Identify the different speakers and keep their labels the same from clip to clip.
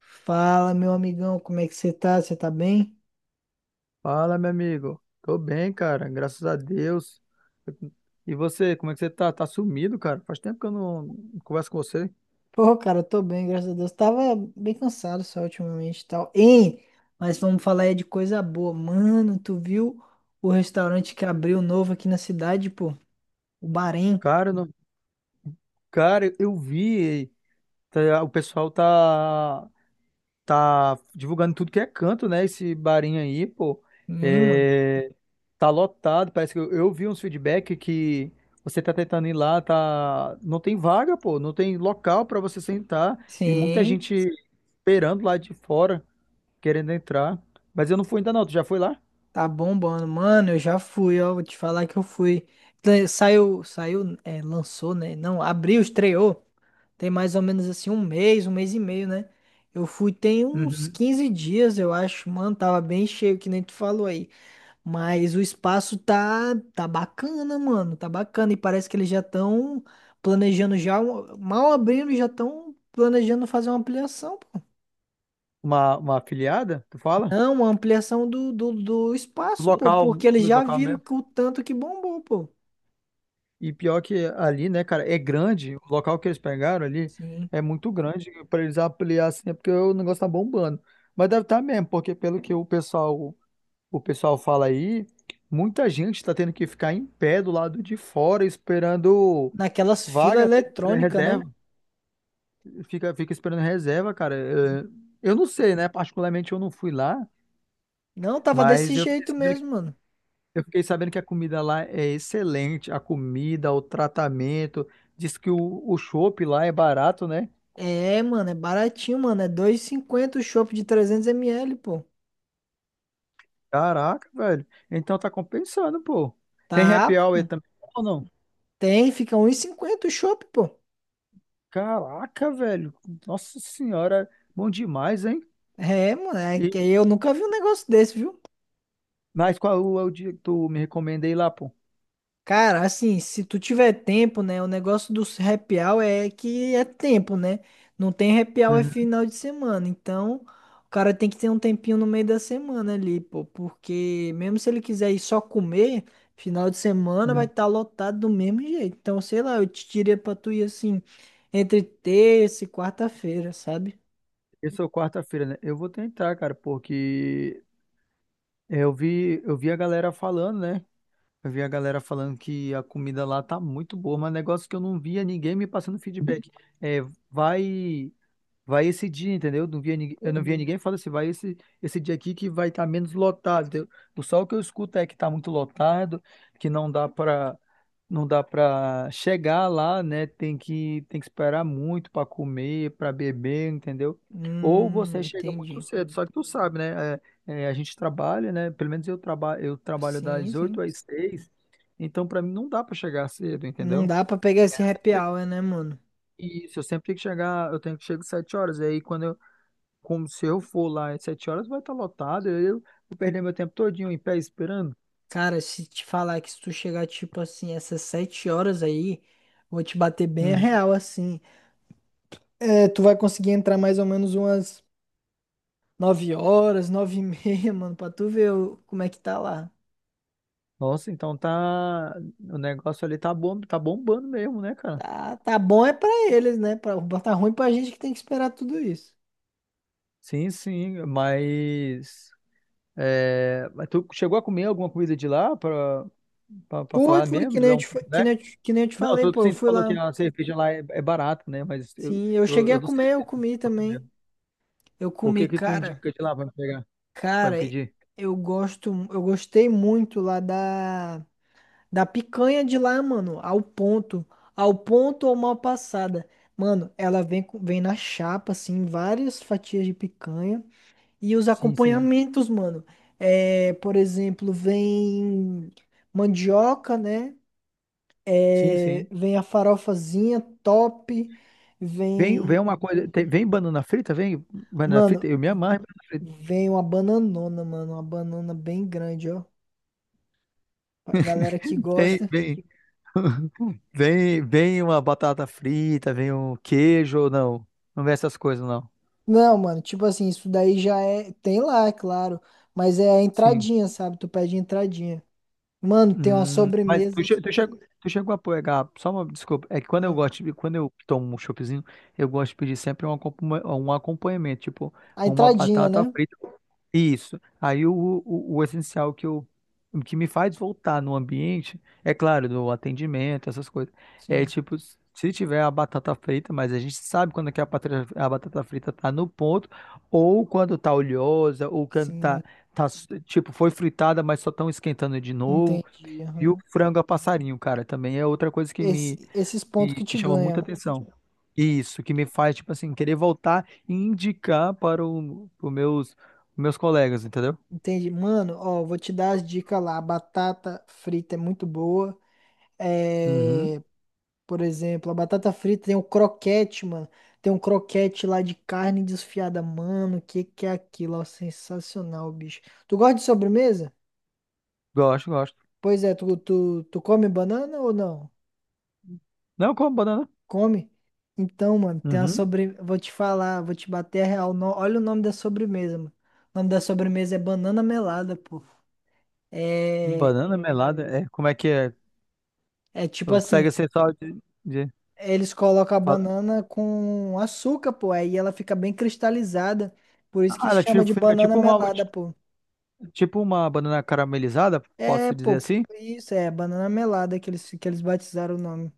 Speaker 1: Fala, meu amigão, como é que você tá? Você tá bem?
Speaker 2: Fala, meu amigo. Tô bem, cara, graças a Deus. E você, como é que você tá? Tá sumido, cara? Faz tempo que eu não converso com você.
Speaker 1: Pô, cara, eu tô bem, graças a Deus. Tava bem cansado só ultimamente e tal. Hein? Mas vamos falar aí de coisa boa. Mano, tu viu o restaurante que abriu novo aqui na cidade, pô? O Bahrein.
Speaker 2: Cara, eu vi, o pessoal tá divulgando tudo que é canto, né? Esse barinho aí, pô.
Speaker 1: Sim, mano.
Speaker 2: É. Tá lotado, parece que eu vi uns feedback que você tá tentando ir lá, tá não tem vaga, pô, não tem local pra você sentar e muita
Speaker 1: Sim,
Speaker 2: gente esperando lá de fora, querendo entrar. Mas eu não fui ainda não, tu já foi lá?
Speaker 1: tá bombando. Mano, eu já fui, ó. Vou te falar que eu fui. Saiu, é, lançou, né? Não, abriu, estreou. Tem mais ou menos assim um mês e meio, né? Eu fui tem uns
Speaker 2: Uhum.
Speaker 1: 15 dias, eu acho. Mano, tava bem cheio, que nem tu falou aí. Mas o espaço tá bacana, mano. Tá bacana. E parece que eles já estão planejando já. Mal abrindo, já estão planejando fazer uma ampliação, pô.
Speaker 2: Uma afiliada, tu fala?
Speaker 1: Não, uma ampliação do
Speaker 2: Do
Speaker 1: espaço, pô.
Speaker 2: local,
Speaker 1: Porque eles
Speaker 2: do
Speaker 1: já
Speaker 2: local
Speaker 1: viram
Speaker 2: mesmo.
Speaker 1: que o tanto que bombou, pô.
Speaker 2: E pior que ali, né, cara, é grande, o local que eles pegaram ali
Speaker 1: Sim.
Speaker 2: é muito grande pra eles ampliar assim, é porque o negócio tá bombando. Mas deve estar mesmo, porque pelo que o pessoal fala aí, muita gente tá tendo que ficar em pé do lado de fora esperando
Speaker 1: Naquelas filas
Speaker 2: vaga, né,
Speaker 1: eletrônicas, né?
Speaker 2: reserva, fica esperando reserva, cara. Eh, Eu não sei, né, particularmente eu não fui lá.
Speaker 1: Não, tava desse
Speaker 2: Mas eu fiquei
Speaker 1: jeito
Speaker 2: sabendo que,
Speaker 1: mesmo, mano.
Speaker 2: eu fiquei sabendo que a comida lá é excelente. A comida, o tratamento. Diz que o chopp lá é barato, né?
Speaker 1: É, mano, é baratinho, mano. É 2,50 o chopp de 300 ml, pô.
Speaker 2: Caraca, velho. Então tá compensando, pô. Tem
Speaker 1: Tá,
Speaker 2: happy hour também ou não?
Speaker 1: tem, fica 1,50 o chopp, pô.
Speaker 2: Caraca, velho. Nossa senhora. Bom demais, hein?
Speaker 1: É, mano, é que
Speaker 2: E,
Speaker 1: eu nunca vi um negócio desse, viu?
Speaker 2: mas qual é o dia que tu me recomendei lá, pô?
Speaker 1: Cara, assim, se tu tiver tempo, né? O negócio do happy hour é que é tempo, né? Não tem happy hour é
Speaker 2: Uhum.
Speaker 1: final de semana. Então, o cara tem que ter um tempinho no meio da semana ali, pô. Porque mesmo se ele quiser ir só comer, final de semana vai
Speaker 2: Uhum.
Speaker 1: estar lotado do mesmo jeito. Então, sei lá, eu te diria pra tu ir assim, entre terça e quarta-feira, sabe?
Speaker 2: Esse é o quarta-feira, né? Eu vou tentar, cara, porque eu vi a galera falando, né? Eu vi a galera falando que a comida lá tá muito boa, mas negócio que eu não via ninguém me passando feedback. É, vai. Vai esse dia, entendeu? Não via ninguém, eu não via, uhum, ninguém falando assim, vai esse dia aqui que vai estar menos lotado, entendeu? O Só o que eu escuto é que está muito lotado, que não dá para chegar lá, né? Tem que esperar muito para comer, para beber, entendeu? Ou você chega muito
Speaker 1: Entendi.
Speaker 2: cedo, só que tu sabe, né? É, a gente trabalha, né? Pelo menos eu trabalho
Speaker 1: Sim,
Speaker 2: das 8
Speaker 1: sim.
Speaker 2: às seis, então para mim não dá para chegar cedo,
Speaker 1: Não
Speaker 2: entendeu?
Speaker 1: dá pra pegar esse happy hour, né, mano?
Speaker 2: Isso, eu sempre tenho que chegar, eu tenho que chegar às 7 horas, e aí quando eu como se eu for lá às sete horas, vai estar lotado. Eu vou perder meu tempo todinho em pé esperando.
Speaker 1: Cara, se te falar que se tu chegar, tipo assim, essas 7 horas aí, vou te bater bem
Speaker 2: Uhum.
Speaker 1: real, assim. É, tu vai conseguir entrar mais ou menos umas 9 horas, nove e meia, mano, pra tu ver como é que tá lá.
Speaker 2: Nossa, então tá. O negócio ali tá bom, tá bombando mesmo, né, cara?
Speaker 1: Tá, tá bom é pra eles, né? Tá ruim pra gente que tem que esperar tudo isso.
Speaker 2: Sim, sim, mas. Mas tu chegou a comer alguma comida de lá pra
Speaker 1: Fui,
Speaker 2: falar
Speaker 1: fui,
Speaker 2: mesmo, dar um feedback?
Speaker 1: que nem eu te
Speaker 2: Não,
Speaker 1: falei, pô, eu
Speaker 2: sim, tu
Speaker 1: fui
Speaker 2: falou que
Speaker 1: lá.
Speaker 2: a cerveja lá é barata, né? Mas eu,
Speaker 1: Sim, eu
Speaker 2: eu,
Speaker 1: cheguei
Speaker 2: eu
Speaker 1: a
Speaker 2: não sei
Speaker 1: comer, eu
Speaker 2: se tu
Speaker 1: comi
Speaker 2: chegou a comer.
Speaker 1: também. Eu
Speaker 2: O
Speaker 1: comi,
Speaker 2: que que tu
Speaker 1: cara,
Speaker 2: indica de lá pra me pegar, pra me
Speaker 1: cara,
Speaker 2: pedir?
Speaker 1: eu gostei muito lá da picanha de lá, mano, ao ponto. Ao ponto ou mal passada. Mano, ela vem na chapa, assim, várias fatias de picanha. E os
Speaker 2: Sim, sim.
Speaker 1: acompanhamentos, mano. É, por exemplo, vem mandioca, né?
Speaker 2: Sim,
Speaker 1: É,
Speaker 2: sim.
Speaker 1: vem a farofazinha top.
Speaker 2: Vem
Speaker 1: Vem.
Speaker 2: uma coisa. Vem banana frita? Vem banana
Speaker 1: Mano,
Speaker 2: frita? Eu me amarro em banana frita.
Speaker 1: vem uma bananona, mano. Uma banana bem grande, ó. Pra galera que
Speaker 2: Vem,
Speaker 1: gosta.
Speaker 2: vem. Vem uma batata frita, vem um queijo ou não. Não vem essas coisas, não.
Speaker 1: Não, mano, tipo assim, isso daí já é. Tem lá, é claro. Mas é a
Speaker 2: Sim.
Speaker 1: entradinha, sabe? Tu pede entradinha. Mano, tem uma
Speaker 2: Mas tu,
Speaker 1: sobremesa.
Speaker 2: che- tu, chegou, tu chegou a pegar, só uma desculpa, é que
Speaker 1: Ah,
Speaker 2: quando eu tomo um choppzinho, eu gosto de pedir sempre um acompanhamento, tipo
Speaker 1: a
Speaker 2: uma
Speaker 1: entradinha,
Speaker 2: batata
Speaker 1: né?
Speaker 2: frita. Isso. Aí o essencial que me faz voltar no ambiente, é claro, do atendimento, essas coisas. É
Speaker 1: Sim,
Speaker 2: tipo, se tiver a batata frita, mas a gente sabe quando é que a batata frita tá no ponto, ou quando tá oleosa, ou quando
Speaker 1: sim,
Speaker 2: tá tipo, foi fritada, mas só estão esquentando de novo.
Speaker 1: entendi.
Speaker 2: E o
Speaker 1: Aham.
Speaker 2: frango a passarinho, cara, também é outra coisa que me
Speaker 1: Esses pontos
Speaker 2: que,
Speaker 1: que
Speaker 2: que
Speaker 1: te
Speaker 2: chama muita
Speaker 1: ganha.
Speaker 2: atenção. Isso, que me faz, tipo assim, querer voltar e indicar para os meus colegas, entendeu?
Speaker 1: Entendi. Mano, ó, vou te dar as dicas lá. A batata frita é muito boa.
Speaker 2: Uhum,
Speaker 1: É, por exemplo, a batata frita tem o croquete, mano. Tem um croquete lá de carne desfiada, mano. O que que é aquilo? Ó, sensacional, bicho. Tu gosta de sobremesa?
Speaker 2: gosto, gosto.
Speaker 1: Pois é, tu come banana ou não?
Speaker 2: Não, como banana.
Speaker 1: Come? Então, mano, tem
Speaker 2: Uhum,
Speaker 1: vou te falar, vou te bater a real. Olha o nome da sobremesa, mano. O nome da sobremesa é banana melada, pô. É,
Speaker 2: banana melada, é, como é que é?
Speaker 1: é, tipo
Speaker 2: Não
Speaker 1: assim,
Speaker 2: consegue ser só de, de-
Speaker 1: eles colocam a
Speaker 2: fala-
Speaker 1: banana com açúcar, pô, aí ela fica bem cristalizada. Por isso
Speaker 2: Ah,
Speaker 1: que
Speaker 2: ela tipo,
Speaker 1: chama de
Speaker 2: fica
Speaker 1: banana
Speaker 2: tipo uma,
Speaker 1: melada, pô.
Speaker 2: tipo uma banana caramelizada,
Speaker 1: É,
Speaker 2: posso dizer
Speaker 1: pô,
Speaker 2: assim?
Speaker 1: isso é banana melada que eles batizaram o nome.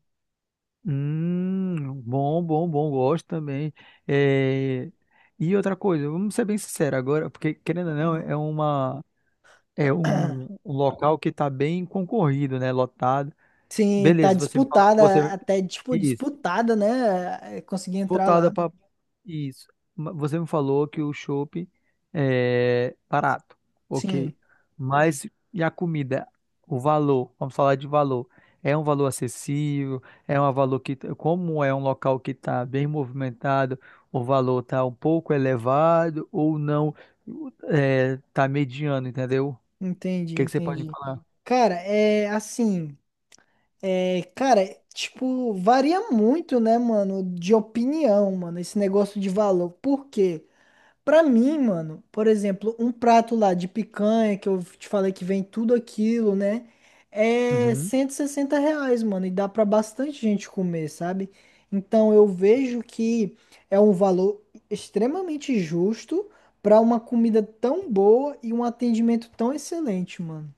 Speaker 2: Bom, bom, bom, gosto também. É, e outra coisa, vamos ser bem sinceros agora, porque querendo ou não,
Speaker 1: Ah.
Speaker 2: é uma é um local que está bem concorrido, né? Lotado.
Speaker 1: Sim, tá
Speaker 2: Beleza, você me falou que
Speaker 1: disputada,
Speaker 2: você
Speaker 1: até tipo
Speaker 2: isso
Speaker 1: disputada, né? É, consegui entrar
Speaker 2: voltada
Speaker 1: lá.
Speaker 2: para isso. Você me falou que o chopp é barato,
Speaker 1: Sim,
Speaker 2: ok. Mas e a comida? O valor, vamos falar de valor. É um valor acessível? É um valor que, como é um local que está bem movimentado, o valor está um pouco elevado ou não? Está mediano, entendeu?
Speaker 1: entendi,
Speaker 2: Que você pode me
Speaker 1: entendi.
Speaker 2: falar?
Speaker 1: Cara, é assim, cara, tipo, varia muito, né, mano, de opinião, mano, esse negócio de valor. Por quê? Pra mim, mano, por exemplo, um prato lá de picanha, que eu te falei que vem tudo aquilo, né? É
Speaker 2: Uhum.
Speaker 1: 160 reais, mano, e dá pra bastante gente comer, sabe? Então eu vejo que é um valor extremamente justo pra uma comida tão boa e um atendimento tão excelente, mano.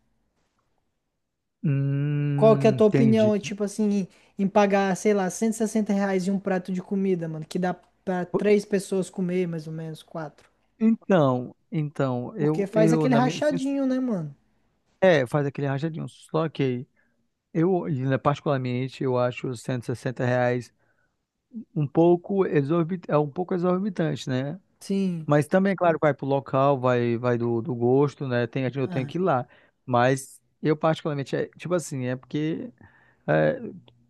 Speaker 1: Qual que é a tua
Speaker 2: Entendi.
Speaker 1: opinião, tipo assim, em pagar, sei lá, R$ 160 em um prato de comida, mano, que dá pra
Speaker 2: Po-
Speaker 1: três pessoas comer, mais ou menos, quatro?
Speaker 2: então,
Speaker 1: Porque faz
Speaker 2: eu
Speaker 1: aquele
Speaker 2: na minha, sin-
Speaker 1: rachadinho, né, mano?
Speaker 2: é, faz aquele rachadinho, só que eu, né, particularmente, eu acho os 160 reais é um pouco exorbitante, né?
Speaker 1: Sim.
Speaker 2: Mas também, claro, vai pro local, vai do gosto, né? Eu tenho
Speaker 1: Ah,
Speaker 2: que ir lá. Mas eu particularmente, é, tipo assim, é porque é,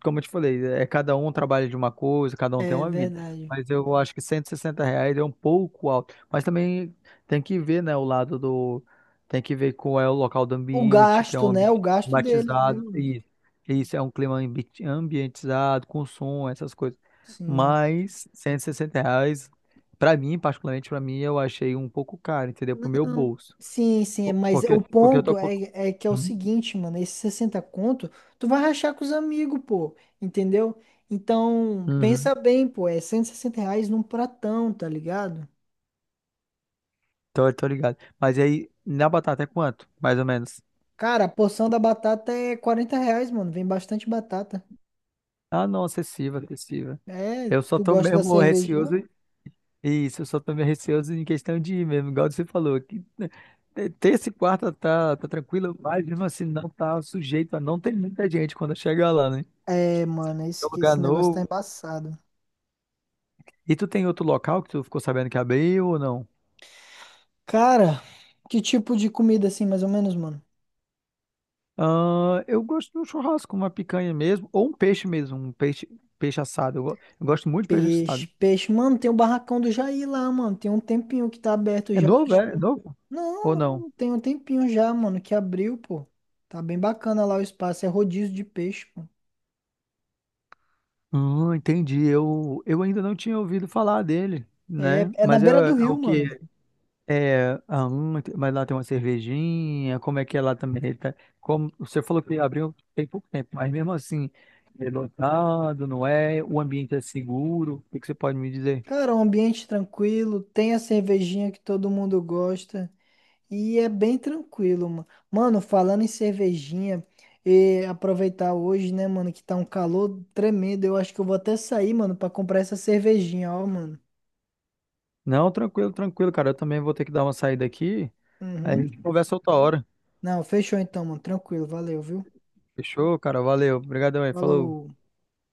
Speaker 2: como eu te falei, é cada um trabalha de uma coisa, cada um tem
Speaker 1: é
Speaker 2: uma vida.
Speaker 1: verdade.
Speaker 2: Mas eu acho que 160 reais é um pouco alto. Mas também tem que ver, né, o lado do. Tem que ver qual é o local do
Speaker 1: O
Speaker 2: ambiente, que é um
Speaker 1: gasto, né? O
Speaker 2: ambiente
Speaker 1: gasto deles, né,
Speaker 2: climatizado.
Speaker 1: mano?
Speaker 2: Isso, isso é um clima ambientizado, com som, essas coisas.
Speaker 1: Sim.
Speaker 2: Mas cento e sessenta reais, pra mim, particularmente pra mim, eu achei um pouco caro, entendeu? Pro meu
Speaker 1: Não.
Speaker 2: bolso.
Speaker 1: Sim, sim, mas
Speaker 2: Porque,
Speaker 1: o
Speaker 2: porque eu
Speaker 1: ponto
Speaker 2: tô.
Speaker 1: é que é o seguinte, mano, esse 60 conto, tu vai rachar com os amigos, pô, entendeu? Então,
Speaker 2: Uhum.
Speaker 1: pensa bem, pô, é R$ 160 num pratão, tá ligado?
Speaker 2: Tô, ligado. Mas aí, na batata é quanto? Mais ou menos.
Speaker 1: Cara, a porção da batata é R$ 40, mano, vem bastante batata.
Speaker 2: Ah, não, acessível, acessível.
Speaker 1: É,
Speaker 2: Eu só
Speaker 1: tu
Speaker 2: tô
Speaker 1: gosta da
Speaker 2: mesmo
Speaker 1: cervejinha?
Speaker 2: receoso. Isso, eu só tô meio receoso em questão de ir mesmo, igual você falou. Que terça e quarta tá, tranquilo, mas mesmo assim não tá sujeito a não ter muita gente quando chegar lá, né?
Speaker 1: É, mano,
Speaker 2: É
Speaker 1: esse,
Speaker 2: um lugar
Speaker 1: esse negócio tá
Speaker 2: novo.
Speaker 1: embaçado.
Speaker 2: E tu tem outro local que tu ficou sabendo que abriu ou não?
Speaker 1: Cara, que tipo de comida assim, mais ou menos, mano?
Speaker 2: Ah, eu gosto de um churrasco, uma picanha mesmo, ou um peixe mesmo, um peixe assado. Eu gosto muito de peixe assado.
Speaker 1: Peixe, peixe. Mano, tem o barracão do Jair lá, mano. Tem um tempinho que tá aberto
Speaker 2: É
Speaker 1: já.
Speaker 2: novo, é? É novo?
Speaker 1: Não,
Speaker 2: Ou não?
Speaker 1: não, tem um tempinho já, mano, que abriu, pô. Tá bem bacana lá o espaço. É rodízio de peixe, pô.
Speaker 2: Entendi. Eu ainda não tinha ouvido falar dele,
Speaker 1: É,
Speaker 2: né?
Speaker 1: é na
Speaker 2: Mas é,
Speaker 1: beira do
Speaker 2: é o
Speaker 1: rio,
Speaker 2: que
Speaker 1: mano.
Speaker 2: é, mas lá tem uma cervejinha, como é que é lá também? Como você falou que abriu tem pouco tempo, mas mesmo assim, é lotado, não é? O ambiente é seguro. O que que você pode me dizer?
Speaker 1: Cara, um ambiente tranquilo. Tem a cervejinha que todo mundo gosta. E é bem tranquilo, mano. Mano, falando em cervejinha, e aproveitar hoje, né, mano, que tá um calor tremendo. Eu acho que eu vou até sair, mano, pra comprar essa cervejinha, ó, mano.
Speaker 2: Não, tranquilo, tranquilo, cara. Eu também vou ter que dar uma saída aqui. Aí a
Speaker 1: Uhum.
Speaker 2: gente conversa outra hora.
Speaker 1: Não, fechou então, mano. Tranquilo, valeu, viu?
Speaker 2: Fechou, cara? Valeu. Obrigadão aí. Falou.
Speaker 1: Falou.